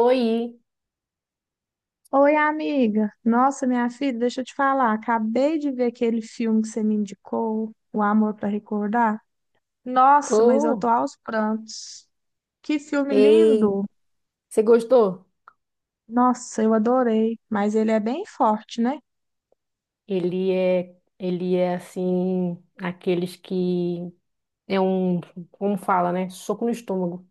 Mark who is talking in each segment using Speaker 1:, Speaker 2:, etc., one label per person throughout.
Speaker 1: Oi.
Speaker 2: Oi, amiga. Nossa, minha filha, deixa eu te falar. Acabei de ver aquele filme que você me indicou, O Amor para Recordar. Nossa, mas eu tô
Speaker 1: Oh,
Speaker 2: aos prantos. Que filme
Speaker 1: ei,
Speaker 2: lindo!
Speaker 1: você gostou?
Speaker 2: Nossa, eu adorei. Mas ele é bem forte, né?
Speaker 1: Ele é assim, aqueles que é um, como fala, né? Soco no estômago,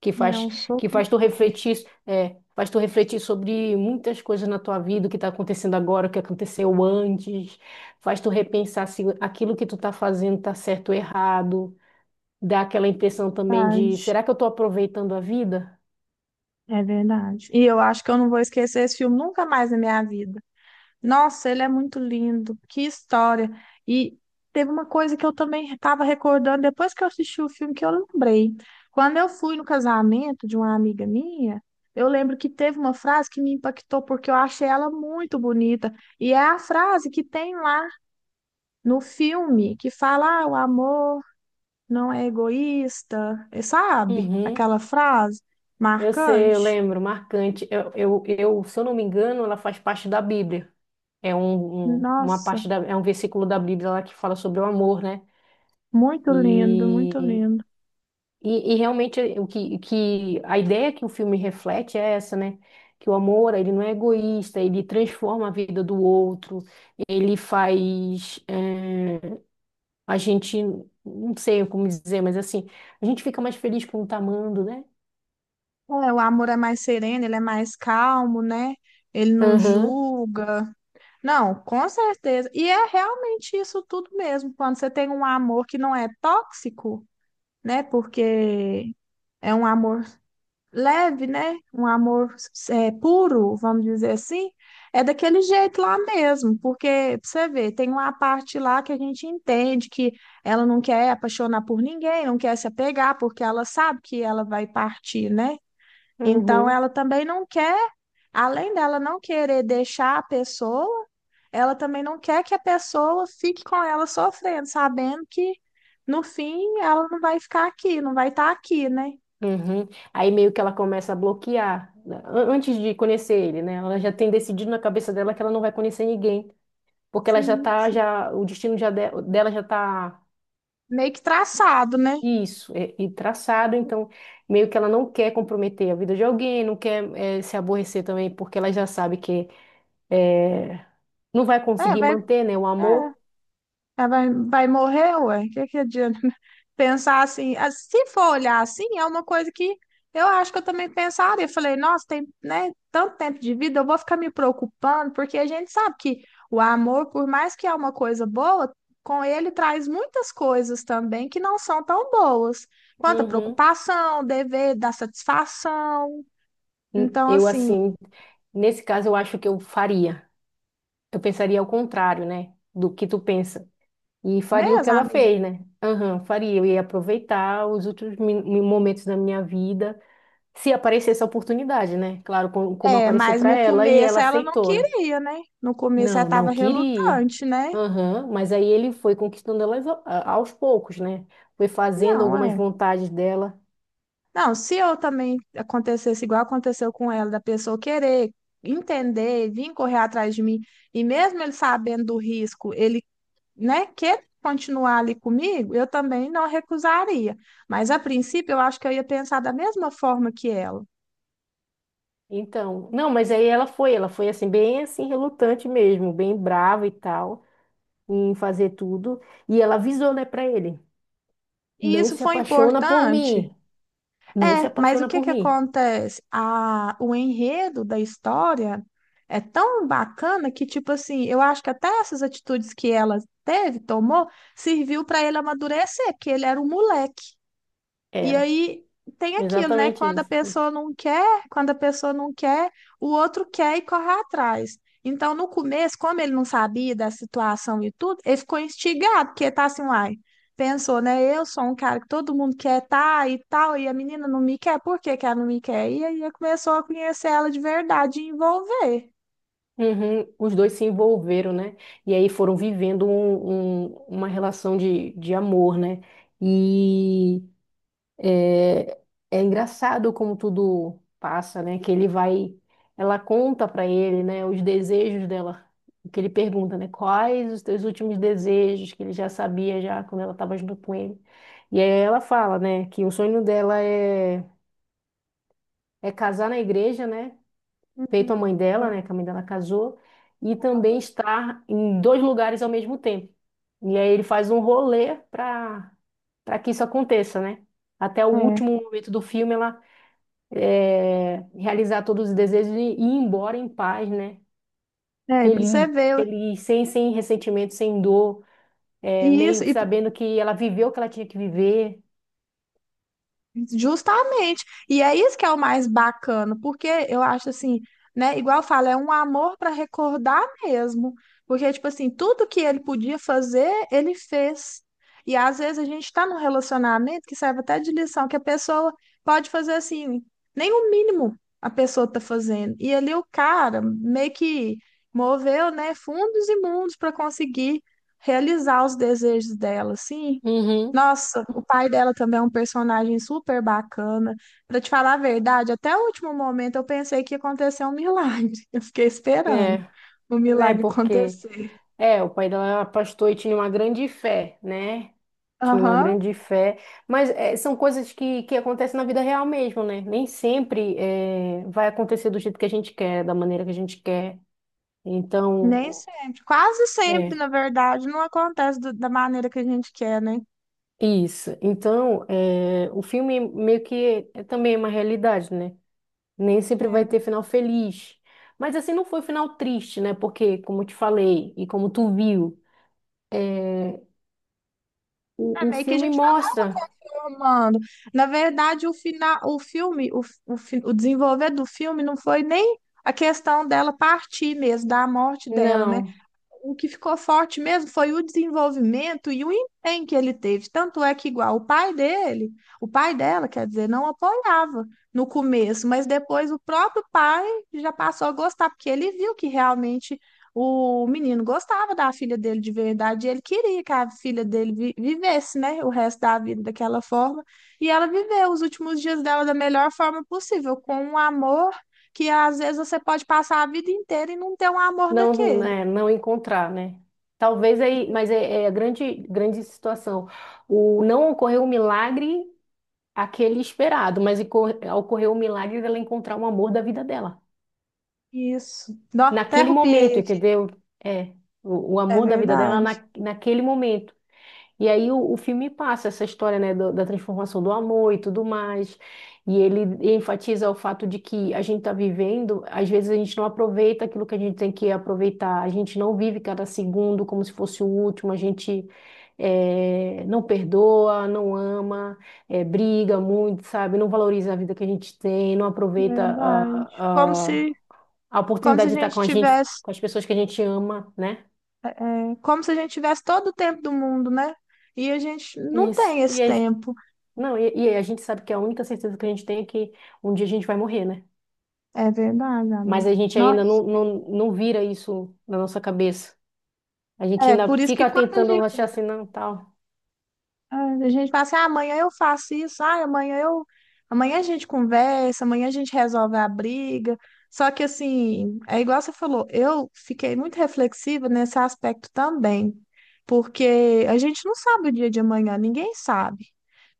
Speaker 1: que
Speaker 2: É
Speaker 1: faz,
Speaker 2: um
Speaker 1: que
Speaker 2: soco de
Speaker 1: faz tu refletir, é, faz tu refletir sobre muitas coisas na tua vida, o que tá acontecendo agora, o que aconteceu antes, faz tu repensar se aquilo que tu tá fazendo tá certo ou errado, dá aquela impressão também de,
Speaker 2: verdade.
Speaker 1: será que eu tô aproveitando a vida?
Speaker 2: É verdade. E eu acho que eu não vou esquecer esse filme nunca mais na minha vida. Nossa, ele é muito lindo, que história. E teve uma coisa que eu também estava recordando depois que eu assisti o filme que eu lembrei. Quando eu fui no casamento de uma amiga minha, eu lembro que teve uma frase que me impactou porque eu achei ela muito bonita. E é a frase que tem lá no filme que fala: ah, o amor não é egoísta, e sabe?
Speaker 1: Uhum.
Speaker 2: Aquela frase
Speaker 1: Eu sei, eu
Speaker 2: marcante.
Speaker 1: lembro, marcante. Eu, se eu não me engano, ela faz parte da Bíblia. É uma
Speaker 2: Nossa,
Speaker 1: parte da, é um versículo da Bíblia lá que fala sobre o amor, né?
Speaker 2: muito lindo, muito
Speaker 1: E,
Speaker 2: lindo.
Speaker 1: e realmente que a ideia que o filme reflete é essa, né? Que o amor, ele não é egoísta, ele transforma a vida do outro, ele faz a gente, não sei como dizer, mas assim, a gente fica mais feliz quando tá amando, né?
Speaker 2: É, o amor é mais sereno, ele é mais calmo, né? Ele não
Speaker 1: Aham,
Speaker 2: julga. Não, com certeza. E é realmente isso tudo mesmo. Quando você tem um amor que não é tóxico, né? Porque é um amor leve, né? Um amor puro, vamos dizer assim. É daquele jeito lá mesmo. Porque, pra você ver, tem uma parte lá que a gente entende que ela não quer apaixonar por ninguém, não quer se apegar, porque ela sabe que ela vai partir, né? Então,
Speaker 1: uhum.
Speaker 2: ela também não quer, além dela não querer deixar a pessoa, ela também não quer que a pessoa fique com ela sofrendo, sabendo que no fim ela não vai ficar aqui, não vai estar aqui, né?
Speaker 1: Uhum. Aí meio que ela começa a bloquear, né? Antes de conhecer ele, né? Ela já tem decidido na cabeça dela que ela não vai conhecer ninguém, porque ela já
Speaker 2: Sim,
Speaker 1: tá,
Speaker 2: sim.
Speaker 1: já, o destino já dela já tá
Speaker 2: Meio que traçado, né?
Speaker 1: isso, é, e traçado, então meio que ela não quer comprometer a vida de alguém, não quer se aborrecer também, porque ela já sabe que eh, não vai
Speaker 2: É,
Speaker 1: conseguir
Speaker 2: vai, é.
Speaker 1: manter, né, o amor.
Speaker 2: Ela vai morrer, ué? O que que adianta? Pensar assim, ah, se for olhar assim, é uma coisa que eu acho que eu também pensaria. Eu falei, nossa, tem, né, tanto tempo de vida, eu vou ficar me preocupando, porque a gente sabe que o amor, por mais que é uma coisa boa, com ele traz muitas coisas também que não são tão boas, quanto a
Speaker 1: Uhum.
Speaker 2: preocupação, dever, dar satisfação. Então,
Speaker 1: Eu
Speaker 2: assim,
Speaker 1: assim, nesse caso eu acho que eu faria, eu pensaria ao contrário, né, do que tu pensa. E faria o que
Speaker 2: mesmo,
Speaker 1: ela
Speaker 2: amiga.
Speaker 1: fez, né? Aham, faria. Eu ia aproveitar os últimos momentos da minha vida, se aparecesse a oportunidade, né? Claro, como
Speaker 2: É,
Speaker 1: apareceu
Speaker 2: mas
Speaker 1: para
Speaker 2: no
Speaker 1: ela e
Speaker 2: começo
Speaker 1: ela
Speaker 2: ela não
Speaker 1: aceitou, né?
Speaker 2: queria, né? No começo ela
Speaker 1: Não, não
Speaker 2: estava
Speaker 1: queria.
Speaker 2: relutante, né?
Speaker 1: Aham, mas aí ele foi conquistando ela aos poucos, né? Foi fazendo
Speaker 2: Não,
Speaker 1: algumas
Speaker 2: é.
Speaker 1: vontades dela.
Speaker 2: Não, se eu também acontecesse igual aconteceu com ela, da pessoa querer entender, vir correr atrás de mim, e mesmo ele sabendo do risco, ele, né, quer continuar ali comigo, eu também não recusaria. Mas a princípio, eu acho que eu ia pensar da mesma forma que ela.
Speaker 1: Então, não, mas aí ela foi assim, bem assim, relutante mesmo, bem brava e tal, em fazer tudo. E ela avisou, né, pra ele:
Speaker 2: E
Speaker 1: não
Speaker 2: isso
Speaker 1: se
Speaker 2: foi
Speaker 1: apaixona por
Speaker 2: importante.
Speaker 1: mim. Não se
Speaker 2: É, mas o
Speaker 1: apaixona
Speaker 2: que
Speaker 1: por
Speaker 2: que
Speaker 1: mim.
Speaker 2: acontece? O enredo da história é tão bacana que, tipo assim, eu acho que até essas atitudes que ela teve, tomou, serviu para ele amadurecer, que ele era um moleque. E
Speaker 1: Era.
Speaker 2: aí tem aquilo, né?
Speaker 1: Exatamente
Speaker 2: Quando a
Speaker 1: isso.
Speaker 2: pessoa não quer, quando a pessoa não quer, o outro quer e corre atrás. Então, no começo, como ele não sabia da situação e tudo, ele ficou instigado, porque tá assim, uai, pensou, né? Eu sou um cara que todo mundo quer tá e tal, e a menina não me quer, por que que ela não me quer? E aí ele começou a conhecer ela de verdade e envolver.
Speaker 1: Uhum. Os dois se envolveram, né? E aí foram vivendo uma relação de amor, né? E é, é engraçado como tudo passa, né? Que ele vai, ela conta pra ele, né? Os desejos dela, que ele pergunta, né? Quais os teus últimos desejos que ele já sabia já quando ela estava junto com ele. E aí ela fala, né? Que o sonho dela é casar na igreja, né? Feito a
Speaker 2: Uhum.
Speaker 1: mãe dela, né, que a mãe dela casou, e também estar em dois lugares ao mesmo tempo. E aí ele faz um rolê para que isso aconteça, né? Até o último momento do filme ela realizar todos os desejos e ir embora em paz, né?
Speaker 2: É, para você
Speaker 1: Feliz,
Speaker 2: ver.
Speaker 1: feliz, sem ressentimento, sem dor, é,
Speaker 2: E
Speaker 1: meio
Speaker 2: isso,
Speaker 1: que
Speaker 2: e
Speaker 1: sabendo que ela viveu o que ela tinha que viver.
Speaker 2: Justamente. E é isso que é o mais bacana, porque eu acho assim, né? Igual eu falo, é um amor para recordar mesmo. Porque, tipo assim, tudo que ele podia fazer, ele fez. E às vezes a gente está num relacionamento que serve até de lição, que a pessoa pode fazer assim, nem o mínimo a pessoa tá fazendo. E ali o cara meio que moveu, né, fundos e mundos para conseguir realizar os desejos dela, assim.
Speaker 1: Uhum.
Speaker 2: Nossa, o pai dela também é um personagem super bacana. Pra te falar a verdade, até o último momento eu pensei que ia acontecer um milagre. Eu fiquei esperando
Speaker 1: É,
Speaker 2: o
Speaker 1: né?
Speaker 2: milagre
Speaker 1: Porque
Speaker 2: acontecer.
Speaker 1: é, o pai dela era pastor e tinha uma grande fé, né? Tinha uma
Speaker 2: Aham,
Speaker 1: grande fé, mas são coisas que acontecem na vida real mesmo, né? Nem sempre vai acontecer do jeito que a gente quer, da maneira que a gente quer.
Speaker 2: nem
Speaker 1: Então,
Speaker 2: sempre. Quase sempre,
Speaker 1: é
Speaker 2: na verdade, não acontece da maneira que a gente quer, né?
Speaker 1: isso. Então, o filme meio que é também uma realidade, né? Nem sempre vai
Speaker 2: É,
Speaker 1: ter final feliz. Mas assim, não foi final triste, né? Porque, como eu te falei e como tu viu,
Speaker 2: é
Speaker 1: o
Speaker 2: meio que a
Speaker 1: filme
Speaker 2: gente já estava
Speaker 1: mostra.
Speaker 2: confirmando. Na verdade, o final, o filme, o desenvolver do filme não foi nem a questão dela partir mesmo, da morte dela, né?
Speaker 1: Não.
Speaker 2: O que ficou forte mesmo foi o desenvolvimento e o empenho que ele teve. Tanto é que, igual o pai dele, o pai dela, quer dizer, não apoiava no começo, mas depois o próprio pai já passou a gostar, porque ele viu que realmente o menino gostava da filha dele de verdade e ele queria que a filha dele vivesse, né, o resto da vida daquela forma. E ela viveu os últimos dias dela da melhor forma possível, com um amor. Que às vezes você pode passar a vida inteira e não ter um amor
Speaker 1: Não,
Speaker 2: daquele.
Speaker 1: é, não encontrar, né? Talvez aí, mas é, é a grande situação. O, não ocorreu o milagre aquele esperado, mas ocorreu o milagre dela encontrar o amor da vida dela.
Speaker 2: Isso. Nó, até
Speaker 1: Naquele momento,
Speaker 2: arrupiei aqui.
Speaker 1: entendeu? É, o
Speaker 2: É
Speaker 1: amor da vida dela
Speaker 2: verdade.
Speaker 1: naquele momento. E aí o filme passa essa história, né, da transformação do amor e tudo mais. E ele enfatiza o fato de que a gente está vivendo, às vezes a gente não aproveita aquilo que a gente tem que aproveitar, a gente não vive cada segundo como se fosse o último, a gente não perdoa, não ama, briga muito, sabe? Não valoriza a vida que a gente tem, não aproveita
Speaker 2: Verdade.
Speaker 1: a
Speaker 2: Como se a
Speaker 1: oportunidade de estar
Speaker 2: gente
Speaker 1: com a gente,
Speaker 2: tivesse,
Speaker 1: com as pessoas que a gente ama, né?
Speaker 2: como se a gente tivesse todo o tempo do mundo, né? E a gente não
Speaker 1: Isso.
Speaker 2: tem
Speaker 1: E
Speaker 2: esse
Speaker 1: aí,
Speaker 2: tempo.
Speaker 1: não, e a gente sabe que a única certeza que a gente tem é que um dia a gente vai morrer, né?
Speaker 2: É verdade,
Speaker 1: Mas a
Speaker 2: amiga.
Speaker 1: gente ainda não,
Speaker 2: Nossa.
Speaker 1: não, não vira isso na nossa cabeça. A gente
Speaker 2: É,
Speaker 1: ainda
Speaker 2: por isso que
Speaker 1: fica
Speaker 2: quando a
Speaker 1: tentando achar
Speaker 2: gente
Speaker 1: assim, não, tal.
Speaker 2: ah, A gente fala assim, ah, amanhã eu faço isso, ah, amanhã eu. Amanhã a gente conversa, amanhã a gente resolve a briga. Só que assim, é igual você falou, eu fiquei muito reflexiva nesse aspecto também, porque a gente não sabe o dia de amanhã, ninguém sabe.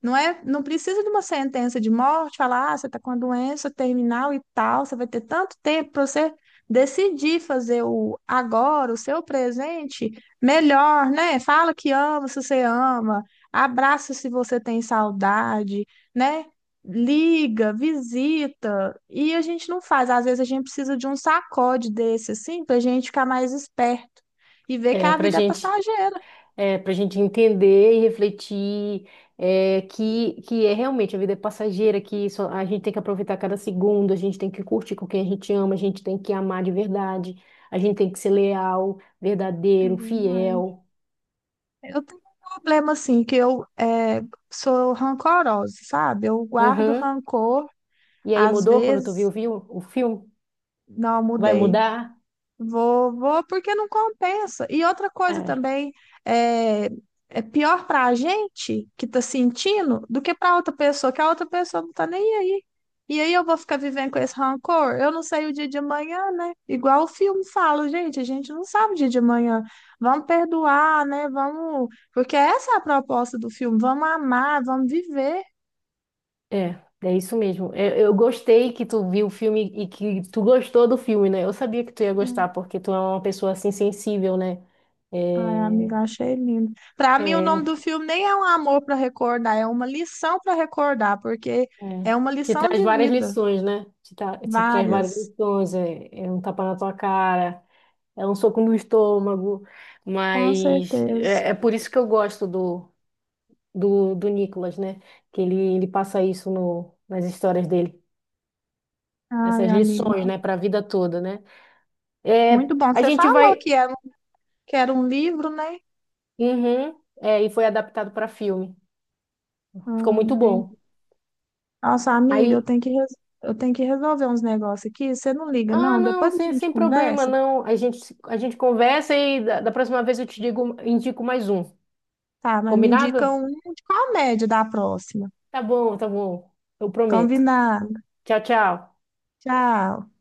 Speaker 2: Não é, não precisa de uma sentença de morte, falar, ah, você está com a doença terminal e tal, você vai ter tanto tempo para você decidir fazer o agora, o seu presente melhor, né? Fala que ama, se você ama abraça, se você tem saudade, né? Liga, visita. E a gente não faz. Às vezes a gente precisa de um sacode desse, assim, pra gente ficar mais esperto e ver que
Speaker 1: É
Speaker 2: a
Speaker 1: pra
Speaker 2: vida é
Speaker 1: gente,
Speaker 2: passageira.
Speaker 1: é pra gente entender e refletir que é realmente a vida é passageira, que só, a gente tem que aproveitar cada segundo, a gente tem que curtir com quem a gente ama, a gente tem que amar de verdade, a gente tem que ser leal,
Speaker 2: É
Speaker 1: verdadeiro,
Speaker 2: verdade.
Speaker 1: fiel.
Speaker 2: Eu tenho um problema, assim, que eu sou rancorosa, sabe? Eu guardo
Speaker 1: Uhum.
Speaker 2: rancor,
Speaker 1: E aí
Speaker 2: às
Speaker 1: mudou quando tu viu,
Speaker 2: vezes.
Speaker 1: viu o filme?
Speaker 2: Não,
Speaker 1: Vai
Speaker 2: mudei.
Speaker 1: mudar?
Speaker 2: Vou, vou, porque não compensa. E outra coisa
Speaker 1: É,
Speaker 2: também, é, é pior para a gente que tá sentindo do que para outra pessoa, que a outra pessoa não tá nem aí. E aí eu vou ficar vivendo com esse rancor? Eu não sei o dia de amanhã, né? Igual o filme fala, gente, a gente não sabe o dia de amanhã. Vamos perdoar, né? Vamos. Porque essa é a proposta do filme, vamos amar, vamos viver,
Speaker 1: é, é isso mesmo. Eu gostei que tu viu o filme e que tu gostou do filme, né? Eu sabia que tu ia
Speaker 2: né?
Speaker 1: gostar, porque tu é uma pessoa assim sensível, né?
Speaker 2: Ai,
Speaker 1: É,
Speaker 2: amiga, achei lindo. Para mim, o nome
Speaker 1: é,
Speaker 2: do filme nem é um amor para recordar, é uma lição para recordar, porque é
Speaker 1: é.
Speaker 2: uma
Speaker 1: Te
Speaker 2: lição
Speaker 1: traz
Speaker 2: de
Speaker 1: várias
Speaker 2: vida.
Speaker 1: lições, né? Te, te traz várias
Speaker 2: Várias,
Speaker 1: lições. É, é um tapa na tua cara, é um soco no estômago.
Speaker 2: com
Speaker 1: Mas
Speaker 2: certeza.
Speaker 1: é, é por isso que eu gosto do Nicolas, né? Que ele passa isso no, nas histórias dele.
Speaker 2: Ai,
Speaker 1: Essas
Speaker 2: amiga,
Speaker 1: lições,
Speaker 2: não.
Speaker 1: né? Para a vida toda, né? É,
Speaker 2: Muito bom.
Speaker 1: a
Speaker 2: Você
Speaker 1: gente
Speaker 2: falou
Speaker 1: vai.
Speaker 2: que era um livro, né?
Speaker 1: Uhum. É, e foi adaptado para filme. Ficou muito bom.
Speaker 2: Entendi. Nossa, amiga,
Speaker 1: Aí,
Speaker 2: eu tenho que resolver uns negócios aqui. Você não liga,
Speaker 1: ah,
Speaker 2: não?
Speaker 1: não,
Speaker 2: Depois a
Speaker 1: sem,
Speaker 2: gente
Speaker 1: sem problema,
Speaker 2: conversa.
Speaker 1: não. A gente conversa da próxima vez eu te digo, indico mais um.
Speaker 2: Tá, mas me
Speaker 1: Combinado?
Speaker 2: indica um de comédia da próxima.
Speaker 1: Tá bom, tá bom. Eu prometo.
Speaker 2: Combinado.
Speaker 1: Tchau, tchau.
Speaker 2: Tchau.